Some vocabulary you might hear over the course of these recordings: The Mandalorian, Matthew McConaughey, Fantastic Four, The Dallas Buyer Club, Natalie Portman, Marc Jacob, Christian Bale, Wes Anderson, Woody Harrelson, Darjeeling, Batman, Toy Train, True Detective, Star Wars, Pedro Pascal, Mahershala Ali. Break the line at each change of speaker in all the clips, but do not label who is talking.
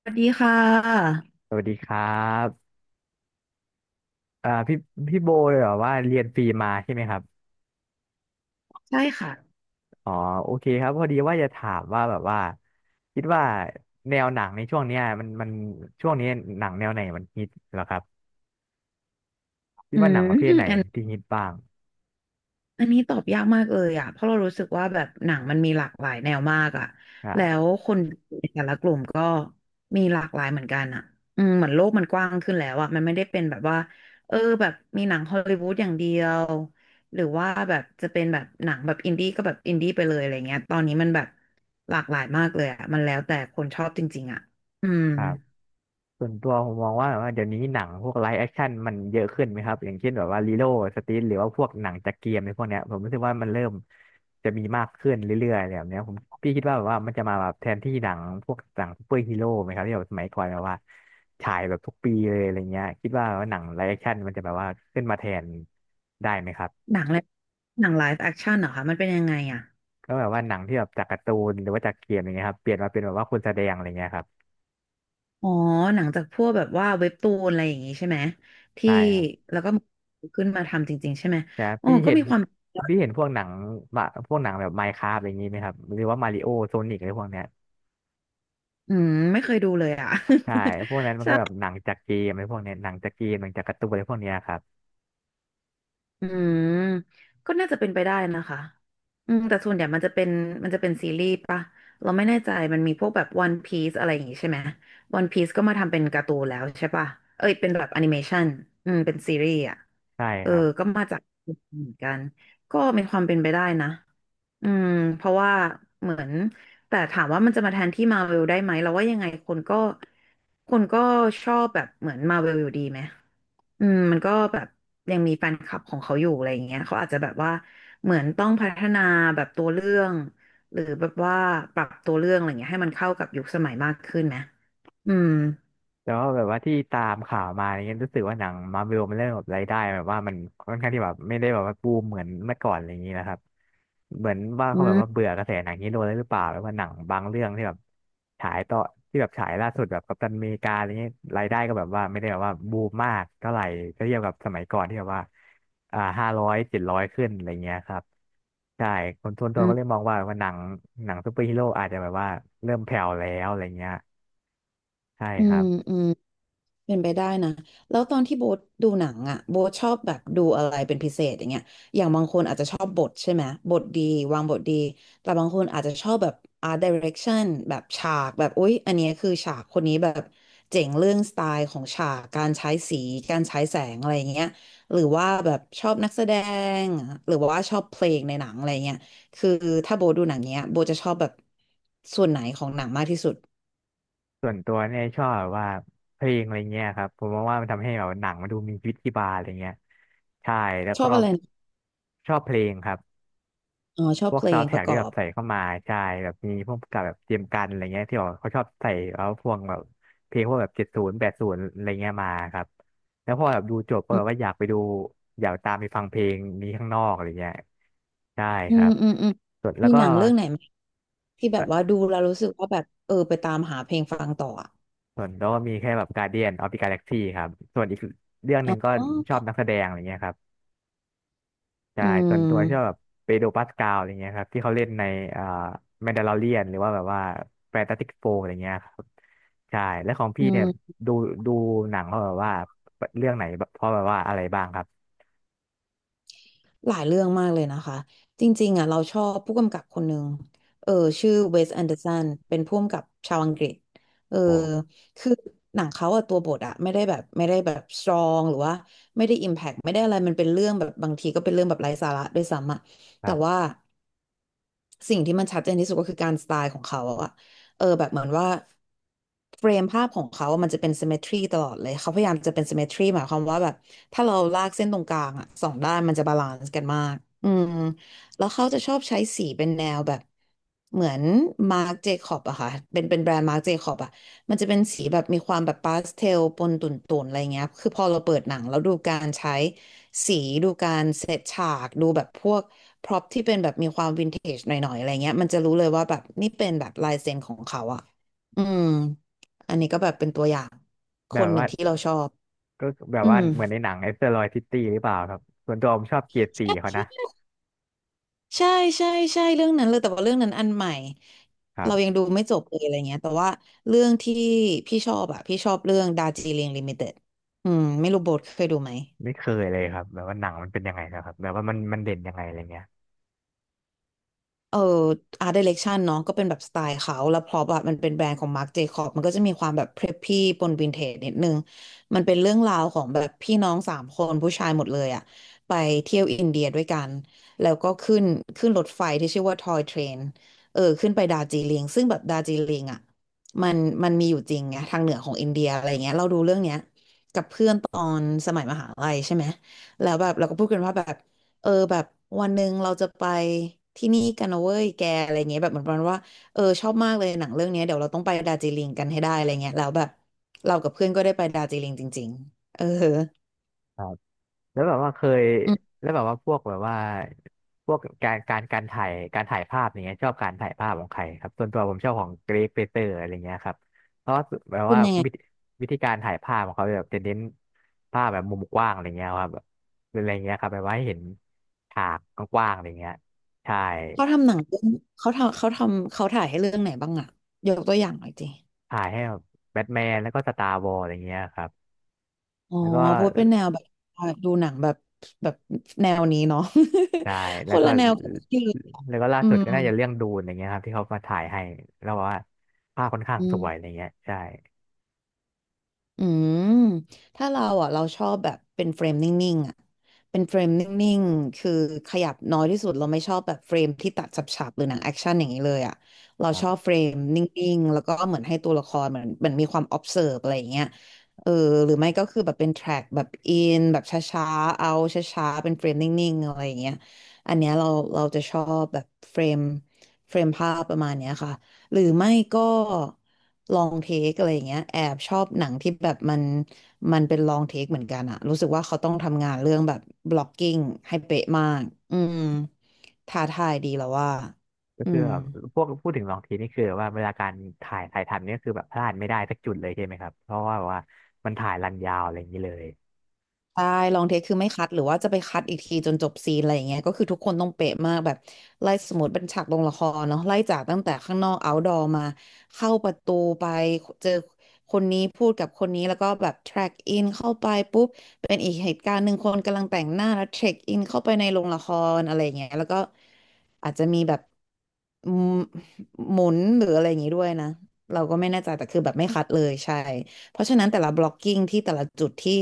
สวัสดีค่ะ
สวัสดีครับอ่าพี่พี่โบเลยเหรอว่าเรียนฟรีมาใช่ไหมครับ
ใช่ค่ะ
อ๋อโอเคครับพอดีว่าจะถามว่าแบบว่าคิดว่าแนวหนังในช่วงเนี้ยมันช่วงนี้หนังแนวไหนมันฮิตเหรอครับคิด
อื
ว่าห
ม
นังประเภทไหน
อัน
ที่ฮิตบ้าง
อันนี้ตอบยากมากเลยอ่ะเพราะเรารู้สึกว่าแบบหนังมันมีหลากหลายแนวมากอ่ะแล้ว
ใช่
คนในแต่ละกลุ่มก็มีหลากหลายเหมือนกันอ่ะอืมเหมือนโลกมันกว้างขึ้นแล้วอ่ะมันไม่ได้เป็นแบบว่าเออแบบมีหนังฮอลลีวูดอย่างเดียวหรือว่าแบบจะเป็นแบบหนังแบบอินดี้ก็แบบอินดี้ไปเลยอะไรเงี้ยตอนนี้มันแบบหลากหลายมากเลยอ่ะมันแล้วแต่คนชอบจริงๆอ่ะอืม
ครับ ส่วนตัวผมมองว่าแบบว่าเดี๋ยวนี้หนังพวกไลฟ์แอคชั่นมันเยอะขึ้นไหมครับอย่างเช่นแบบว่าลีโลสตรีทหรือว่าพวกหนังจากเกมในพวกเนี้ยผมรู้สึกว่ามันเริ่มจะมีมากขึ้นเรื่อยๆอะไรแบบเนี้ยผมพี่คิดว่าแบบว่ามันจะมาแบบแทนที่หนังพวกหนังซูเปอร์ฮีโร่ไหมครับที่แบบสมัยก่อนแบบว่าฉายแบบทุกปีเลยอะไรเงี้ยคิดว่าหนังไลฟ์แอคชั่นมันจะแบบว่าขึ้นมาแทนได้ไหมครับ
หนังอะไรหนังไลฟ์แอคชั่นเหรอคะมันเป็นยังไงอ่ะ
ก็แบบว่าหนังที่แบบจากการ์ตูนหรือว่าจากเกมอย่างเงี้ยครับเปลี่ยนมาเป็นแบบว่าคนแสดงอะไรเงี้ยครับ
อ๋อหนังจากพวกแบบว่าเว็บตูนอะไรอย่างงี้ใช่ไหมที่
ใช่ครับ
แล้วก็ขึ้นมาทำจริงๆใช่ไหม
เนี่ย
โอ้
พี่
ก็
เห็น
มีความ
พี่เห็นพวกหนังพวกหนังแบบไมน์คราฟอะไรอย่างนี้ไหมครับหรือว่ามาริโอโซนิกอะไรพวกเนี้ย
อืมไม่เคยดูเลยอ่ะ
ใช่พวกนั้นมั น
ใช่
ก็แบบหนังจากเกมอะไรพวกเนี้ยหนังจากเกมหนังจากการ์ตูนอะไรพวกเนี้ยครับ
อืมก็น่าจะเป็นไปได้นะคะอืมแต่ส่วนใหญ่มันจะเป็นซีรีส์ปะเราไม่แน่ใจมันมีพวกแบบ One Piece อะไรอย่างงี้ใช่ไหม One Piece ก็มาทำเป็นการ์ตูนแล้วใช่ปะเอ้ยเป็นแบบแอนิเมชันอืมเป็นซีรีส์อ่ะ
ใช่
เอ
ค
อ
รับ
ก็มาจากเหมือนกันก็มีความเป็นไปได้นะอืมเพราะว่าเหมือนแต่ถามว่ามันจะมาแทนที่มาเวลได้ไหมเราว่ายังไงคนก็ชอบแบบเหมือนมาเวลอยู่ดีไหม อืมมันก็แบบยังมีแฟนคลับของเขาอยู่อะไรอย่างเงี้ยเขาอาจจะแบบว่าเหมือนต้องพัฒนาแบบตัวเรื่องหรือแบบว่าปรับตัวเรื่องอะไรเงี้ยให้มันเข้ากับยุคสมัยมากขึ้นนะอืม
แต่ว่าแบบว่าที่ตามข่าวมาอะไรเงี้ยรู้สึกว่าหนังมาร์เวลมันเริ่มแบบรายได้แบบว่ามันค่อนข้างที่แบบไม่ได้แบบว่าบูมเหมือนเมื่อก่อนอะไรอย่างนี้นะครับเหมือนว่า
อื
เขาแบบว่า
ม
เบื่อกระแสหนังฮีโร่แล้วหรือเปล่าแบบว่าหนังบางเรื่องที่แบบฉายต่อที่แบบฉายล่าสุดแบบกัปตันอเมริกาอะไรเงี้ยรายได้ก็แบบว่าไม่ได้แบบว่าบูมมากเท่าไหร่ถ้าเทียบกับสมัยก่อนที่แบบว่าห้าร้อยเจ็ดร้อยขึ้นอะไรเงี้ยครับใช่คนส่วนตั
อื
วก็เลย
ม
มองว่าหนังซูเปอร์ฮีโร่อาจจะแบบว่าเริ่มแผ่วแล้วอะไรเงี้ยใช่
อื
ครั
ม
บ
อืม เป็นไปได้นะ แล้วตอนที่โบ๊ทดูหนังอ่ะโบ๊ทชอบแบบดูอะไรเป็นพิเศษอย่างเงี้ยอย่างบางคนอาจจะชอบบทใช่ไหมบทดีวางบทดีแต่บางคนอาจจะชอบแบบ art direction แบบฉากแบบอุ๊ยอันเนี้ยคือฉากคนนี้แบบเจ๋งเรื่องสไตล์ของฉากการใช้สีการใช้แสงอะไรอย่างเงี้ยหรือว่าแบบชอบนักแสดงหรือว่าชอบเพลงในหนังอะไรเงี้ยคือถ้าโบทดูหนังเนี้ยโบทจะชอบแบบส่วนไหนของหนังมากที่สุด
ส่วนตัวเนี่ยชอบแบบว่าเพลงอะไรเงี้ยครับผมมองว่ามันทำให้แบบหนังมันดูมีชีวิตชีวาอะไรเงี้ยใช่แล้ว
ช
ก็
อบอะไรนะ
ชอบเพลงครับ
อ๋อชอ
พ
บ
วก
เพล
ซาว
ง
ด์แท
ป
ร็ก
ระกอ
ที่แบบ
บ
ใส่เข้ามาใช่แบบมีพวกกับแบบเจมส์กันอะไรเงี้ยที่แบบเขาชอบใส่เอาพวกแบบเพลงพวกแบบเจ็ดศูนย์แปดศูนย์อะไรเงี้ยมาครับแล้วพอแบบดูจบก็แบบว่าอยากไปดูอยากตามไปฟังเพลงนี้ข้างนอกอะไรเงี้ยใช่
อื
ครั
ม
บ
อืมอืม
ส่วนแล้
มี
วก็
หนังเรื่องไหนไหมที่แบบว่าดูแล้วรู้สึกว่าแบบเออไปตามหาเพลงฟังต่ออ่ะ
ส่วนโดก็มีแค่แบบกา a เดียนออ the g a ก a x ลกซี่ครับส่วนอีกเรื่องห
อ๋
นึ่งก็
อ
ชอบนักแสดงอะไรเงี้ยครับใช่
อื
ส่วนตัวชอบแบบ
ม
เปโดรปาสกาลอะไรเงี้ยครับที่เขาเล่นในเอ่อแมนดาลอเรียนหรือว่าแบบว่าแฟนตาติกโฟอะไรเงี้ยครับใช่แล้วของ
อื
พี่เนี่ย
ม
ดูดูหนังเขาแบบว่าเรื่องไหนเพราะแบบว่าอะไรบ้างครับ
หลายเรื่องมากเลยนะคะจริงๆอ่ะเราชอบผู้กำกับคนหนึ่งเออชื่อเวสแอนเดอร์สันเป็นผู้กำกับชาวอังกฤษเออ
โอ้
คือหนังเขาอะตัวบทอะไม่ได้แบบสตรองหรือว่าไม่ได้อิมแพกไม่ได้อะไรมันเป็นเรื่องแบบบางทีก็เป็นเรื่องแบบไร้สาระด้วยซ้ำอะ
ค
แต่
รั
ว่า
บ
สิ่งที่มันชัดเจนที่สุดก็คือการสไตล์ของเขาอะเออแบบเหมือนว่าเฟรมภาพของเขาอะมันจะเป็น symmetry ตลอดเลย เขาพยายามจะเป็น symmetry หมายความว่าแบบถ้าเราลากเส้นตรงกลางอะสองด้านมันจะบาลานซ์กันมากอืมแล้วเขาจะชอบใช้สีเป็นแนวแบบเหมือนมาร์ j เจคอบอะค่ะเป็นแบรนด์มาร์ j เจคอบอะมันจะเป็นสีแบบมีความแบบพาสเทลปนตุ่นๆอะไรเงี้ยคือพอเราเปิดหนังแล้วดูการใช้ สีดูการเซตฉากดูแบบพวกพร็อพที่เป็นแบบมีความวินเทจหน่อยๆอะไรเงี้ยมันจะรู้เลยว่าแบบนี่เป็นแบบลายเซ็นของเขาอ่ะอืมอันนี้ก็แบบเป็นตัวอย่างค
แบบ
นหนึ่
ว่า
งที่เราชอบ
ก็แบบ
อื
ว่า
ม
เหมือนในหนังเอสเตอร์ลอยซิตี้หรือเปล่าครับส่วนตัวผมชอบเกียร์สี่เขา
ใช
นะ
่ใช่ใช่เรื่องนั้นเลยแต่ว่าเรื่องนั้นอันใหม่
ครั
เรายัง
บ
ดูไม่จบเลยอะไรเงี้ยแต่ว่าเรื่องที่พี่ชอบอ่ะพี่ชอบเรื่องดาร์จิลิงลิมิเต็ดอืมไม่รู้โบทเคยดูไหม
ไม่เคยเลยครับแบบว่าหนังมันเป็นยังไงนะครับแบบว่ามันมันเด่นยังไงอะไรเงี้ย
เอ่อ art direction เนาะก็เป็นแบบสไตล์เขาแล้วพร็อพอะมันเป็นแบรนด์ของ Marc Jacob มันก็จะมีความแบบ preppy ปนวินเทจนิดนึงมันเป็นเรื่องราวของแบบพี่น้องสามคนผู้ชายหมดเลยอะไปเที่ยวอินเดียด้วยกันแล้วก็ขึ้นรถไฟที่ชื่อว่า Toy Train เออขึ้นไปดาร์จิลิงซึ่งแบบดาร์จิลิงอะมันมันมีอยู่จริงไงทางเหนือของอินเดียอะไรเงี้ยเราดูเรื่องเนี้ยกับเพื่อนตอนสมัยมหาลัยใช่ไหมแล้วแบบเราก็พูดกันว่าแบบ เออแบบวันหนึ่งเราจะไปที่นี่กันนะเว้ยแกอะไรเงี้ยแบบเหมือนประมาณว่าเออชอบมากเลยหนังเรื่องเนี้ยเดี๋ยวเราต้องไปดาร์จิลิงกันให้ได้อะไรเงี้ยแล้วแบบเรากับเพื่อนก็ได้ไปดาร์จิลิงจริงๆเออ
แล้วแบบว่าเคย
อืม
แล้วแบบว่าพวกแบบว่าพวกการการการถ่ายการถ่ายภาพอย่างเงี้ยชอบการถ่ายภาพของใครครับส่วนตัวผมชอบของเกรกเปเตอร์อะไรเงี้ยครับเพราะว่าแบบ
เป็น
ว่า
ยังไง
วิธีการถ่ายภาพของเขาแบบจะเน้นภาพแบบมุมกว้างอะไรเงี้ยครับแบบอะไรเงี้ยครับแบบว่าให้เห็นฉากกว้างๆอะไรเงี้ยใช่
เขาทำหนังเรื่องเขาทำเขาทำเขาถ่ายให้เรื่องไหนบ้างอะยกตัวอย่างหน่อยสิ
ถ่ายให้แบบแบทแมนแล้วก็สตาร์วอร์อะไรเงี้ยครับ
อ๋อ
แล้วก็
พราวเป็นแนวแบบดูหนังแบบแบบแนวนี้เนาะ
ใช่
ค
แล้ว
น
ก็
ละแนวกับที่
แล้วก็ล่า
อื
สุดก็
ม
น่าจะเรื่องดูนอย่างเงี้ยครับที่เขามาถ่ายให้แล้วบอกว่าภาพค่อนข้าง
อื
ส
ม
วยอะไรเงี้ยใช่
อืมถ้าเราอ่ะเราชอบแบบเป็นเฟรมนิ่งๆอ่ะเป็นเฟรมนิ่งๆคือขยับน้อยที่สุดเราไม่ชอบแบบเฟรมที่ตัดฉับๆหรือหนังแอคชั่นอย่างนี้เลยอ่ะเรา
ครั
ชอบ
บ
เฟรมนิ่งๆแล้วก็เหมือนให้ตัวละครเหมือนเหมือนมีความ observe อะไรอย่างเงี้ยเออหรือไม่ก็คือแบบเป็น track แบบอินแบบช้าๆเอาช้าๆเป็นเฟรมนิ่งๆอะไรอย่างเงี้ยอันเนี้ยเราจะชอบแบบเฟรมภาพประมาณเนี้ยค่ะหรือไม่ก็ ลองเทคอะไรอย่างเงี้ยแอบชอบหนังที่แบบมันเป็นลองเทคเหมือนกันอะรู้สึกว่าเขาต้องทำงานเรื่องแบบบล็อกกิ้งให้เป๊ะมากอืมท้าทายดีแล้วว่า
ก็
อื
คือ
ม
แบบพวกพูดถึงลองทีนี่คือว่าเวลาการถ่ายทำเนี่ยคือแบบพลาดไม่ได้สักจุดเลยใช่ไหมครับเพราะว่าแบบว่ามันถ่ายรันยาวอะไรอย่างนี้เลย
ใช่ลองเทคคือไม่คัดหรือว่าจะไปคัดอีกทีจนจบซีนอะไรอย่างเงี้ยก็คือทุกคนต้องเป๊ะมากแบบไล่สมมติเป็นฉากลงละครเนาะไล่จากตั้งแต่ข้างนอกเอาท์ดอมาเข้าประตูไปเจอคนนี้พูดกับคนนี้แล้วก็แบบแทร็กอินเข้าไปปุ๊บเป็นอีกเหตุการณ์หนึ่งคนกำลังแต่งหน้าแล้วเทร็กอินเข้าไปในโรงละครอะไรอย่างเงี้ยแล้วก็อาจจะมีแบบหมุนหรืออะไรอย่างงี้ด้วยนะเราก็ไม่แน่ใจแต่คือแบบไม่คัดเลยใช่ เพราะฉะนั้นแต่ละ blocking ที่แต่ละจุดที่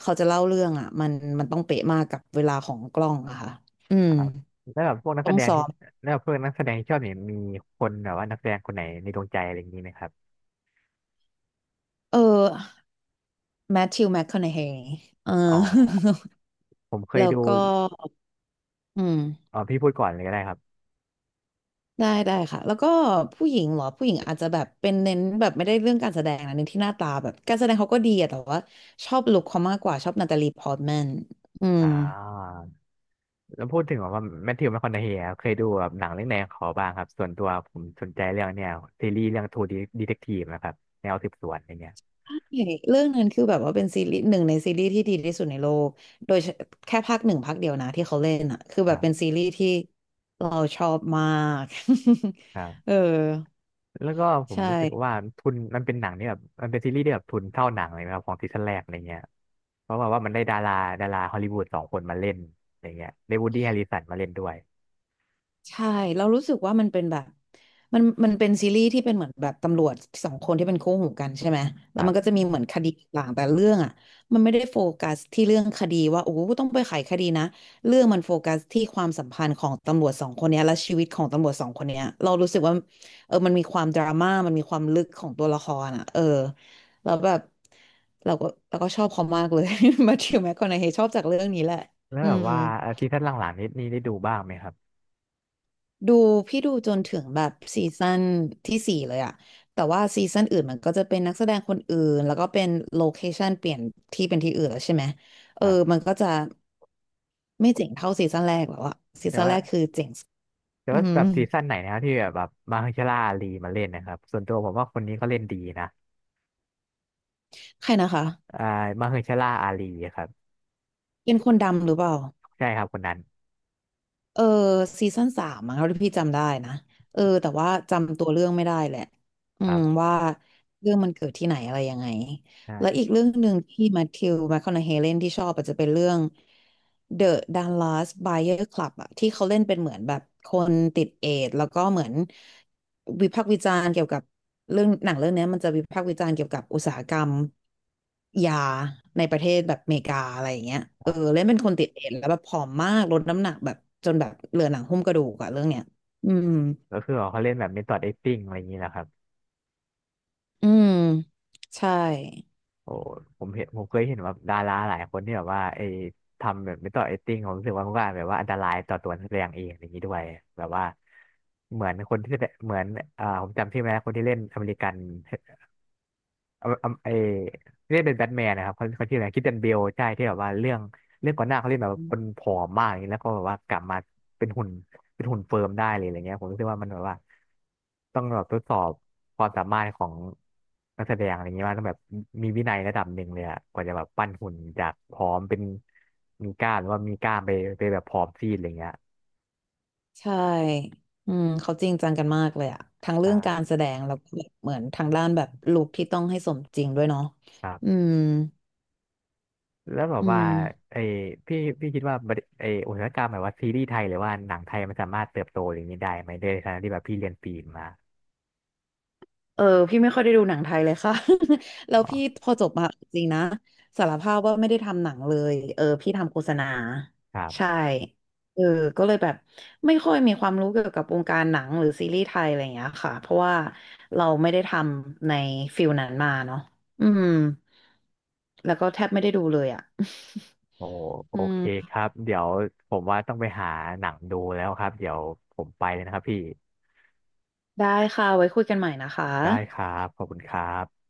เขาจะเล่าเรื่องอ่ะมันต้องเป๊ะมากกับเวลาของกล้องอะค่ะอืม
แล้วแบบพวกนัก
ต้
แส
อง
ดง
ซ้อ
ที่
ม
แล้วเพวกนนักแสดงที่ชอบเนี่ยมีคนแบบว่านักแสดงคนไหนในดวงใจอะไรอย่างนี้ไหมครับ
เออแมทธิวแมคคอนเฮย์เออ
อ๋อผมเค
แล้
ย
ว
ดู
ก็อืม
อ๋อพี่พูดก่อนเลยก็ได้ครับ
ได้ได้ค่ะแล้วก็ผู้หญิงเหรอผู้หญิงอาจจะแบบเป็นเน้นแบบไม่ได้เรื่องการแสดงนะเน้นที่หน้าตาแบบการแสดงเขาก็ดีอะแต่ว่าชอบลุคเขามากกว่าชอบนาตาลีพอร์ตแมนอืม
อ่า แล้วพูดถึงแบบว่าแมทธิวแมคคอนเฮย์เคยดูแบบหนังเรื่องไหนของเขาบ้างครับส่วนตัวผมสนใจเรื่องเนี่ยซีรีส์เรื่องทูดีดีเทคทีฟนะครับแนวสืบสวนอะไรเงี้ย
ใช่เรื่องนั้นคือแบบว่าเป็นซีรีส์หนึ่งในซีรีส์ที่ดีที่สุดในโลก โดยเฉแค่ภาคหนึ่งภาคเดียวนะที่เขาเล่นอ่ะคือ
ค
แบบ
รั
เป็น
บ
ซีรีส์ที่เราชอบมาก
ครั
เออ
บแล้วก็ผม
ใช่
รู้สึกว่าทุนมันเป็นหนังที่แบบมันเป็นซีรีส์ที่แบบทุนเท่าหนังเลยนะครับของซีซั่นแรกอะไรเงี้ยเพราะว่ามันได้ดาราดาราฮอลลีวูดสองคนมาเล่นอะไรเงี้ยได้วูดดี้แฮริสันมาเล่นด้วย
ใช่เรารู้สึกว่ามันเป็นแบบมันเป็นซีรีส์ที่เป็นเหมือนแบบตำรวจสองคนที่เป็นคู่หูกันใช่ไหม
ค
แล้ว
รั
มันก็จะ
บ
มีเหมือนคดีต่างแต่เรื่องอ่ะมันไม่ได้โฟกัสที่เรื่องคดีว่าโอ้โหต้องไปไขคดีนะเรื่องมันโฟกัสที่ความสัมพันธ์ของตำรวจสองคนเนี้ยและชีวิตของตำรวจสองคนเนี้ยเรารู้สึกว่าเออมันมีความดราม่ามันมีความลึกของตัวละครอ่ะเออแล้วแบบเราก็ชอบเขามากเลย มาธิวแมคคอนาเฮชอบจากเรื่องนี้แหละ
แล้ว
อื
แบบ
ม
ว่าซีซั่นหลังๆนี้นี่ได้ดูบ้างไหมครับ
ดูพี่ดูจนถึงแบบซีซั่นที่สี่เลยอะแต่ว่าซีซั่นอื่นมันก็จะเป็นนักแสดงคนอื่นแล้วก็เป็นโลเคชันเปลี่ยนที่เป็นที่อื่นแล้วใช่ไหมเอ
ค
อ
รับ
มันก็จะไม่เจ๋งเท่าซีซั่นแรกแล้วอะซี
แต่
ซั่น
ว่า
แรกคือเจ๋งสุด
แต่
อื
ว่าแบ
ม
บซีซั่นไหนนะครับที่แบบมาเฮอร์ชาล่าอาลีมาเล่นนะครับส่วนตัวผมว่าคนนี้เขาเล่นดีนะ
ใครนะคะ
อ่ามาเฮอร์ชาล่าอาลีครับ
เป็นคนดำหรือเปล่า
ใช่ครับคนนั้น
เออซีซั่นสามมั้งเท่าที่พี่จำได้นะเออแต่ว่าจำตัวเรื่องไม่ได้แหละอื
ครั
ม
บ
ว่าเรื่องมันเกิดที่ไหนอะไรยังไง แล้วอี
ใช่
กเรื่องหนึ่งที่แมทธิวแมคคอนาเฮเลนที่ชอบอาจจะเป็นเรื่อง The Dallas Buyer Club อะที่เขาเล่นเป็นเหมือนแบบคนติดเอดส์แล้วก็เหมือนวิพากษ์วิจารณ์เกี่ยวกับเรื่องหนังเรื่องเนี้ยมันจะวิพากษ์วิจารณ์เกี่ยวกับอุตสาหกรรมยาในประเทศแบบอเมริกาอะไรอย่างเงี้ย
ค
เออ
รับ
เล่นเป็นคนติดเอดส์แล้วแบบผอมมากลดน้ำหนักแบบจนแบบเหลือหนังหุ้มกระดูกอะเรื่องเนี้ยอืม
ก็คือเขาเล่นแบบเมธอดแอคติ้งอะไรอย่างนี้แหละครับ
อืมใช่
โอ้ผมเห็นผมเคยเห็นแบบดาราหลายคนที่แบบว่าไอ้ทำแบบเมธอดแอคติ้งผมรู้สึกว่ามันก็แบบว่าอันตรายต่อตัวนักแสดงเองอะไรอย่างนี้ด้วยแบบว่าเหมือนคนที่แสดงเหมือนผมจำชื่อไม่ได้คนที่เล่นอเมริกัน เอาเอาเอที่เล่นเป็นแบทแมนนะครับเขาชื่ออะไรคริสเตียนเบลใช่ที่แบบว่าเรื่องก่อนหน้าเขาเล่นแบบคนผอมมากอย่างนี้แล้วก็แบบว่ากลับมาเป็นหุ่นเป็นหุ่นเฟิร์มได้เลยอะไรเงี้ยผมรู้สึกว่ามันแบบว่าต้องแบบทดสอบความสามารถของนักแสดงอะไรเงี้ยว่าต้องแบบมีวินัยระดับหนึ่งเลยอะกว่าจะแบบปั้นหุ่นจากผอมเป็นมีกล้ามหรือว่ามีกล้ามไปแบบผอมซีดอะไรเงี้ย
ใช่อืมเขาจริงจังกันมากเลยอะทั้ง
ใ
เรื่องการ
ช
แสดงแล้วก็แบบเหมือนทางด้านแบบลุคที่ต้องให้สมจริงด้วยเนาะ อื
่
ม
แล้วแบบ
อื
ว่า
ม
ไอ้พี่คิดว่าบริไอ้อุตสาหกรรมแบบว่าซีรีส์ไทยหรือว่าหนังไทยมันสามารถเติบโตอย่างนี้ได้ไหมในฐานะที่แบบพี่เรียนฟิล์มมา
เออพี่ไม่ค่อยได้ดูหนังไทยเลยค่ะ แล้ว
อ๋
พี่
อ
พอจบมาจริงนะสารภาพว่าไม่ได้ทำหนังเลยเออพี่ทำโฆษณา
ครั
ใช่
บ
เออก็เลยแบบไม่ค่อยมีความรู้เกี่ยวกับวงการหนังหรือซีรีส์ไทยอะไรอย่างเงี้ยค่ะเพราะว่าเราไม่ได้ทำในฟิลนั้นมาเนาะอืมแล้วก็แทบไม่ได้ดูเลยอะ
โอ้โอ
อื
เค
ม
ครับเดี๋ยวผมว่าต้องไปหาหนังดูแล้วครับเดี๋ยวผมไปเลยนะครับพี่
ได้ค่ะไว้คุยกันใหม่นะคะ
ได้ครับขอบคุณครับ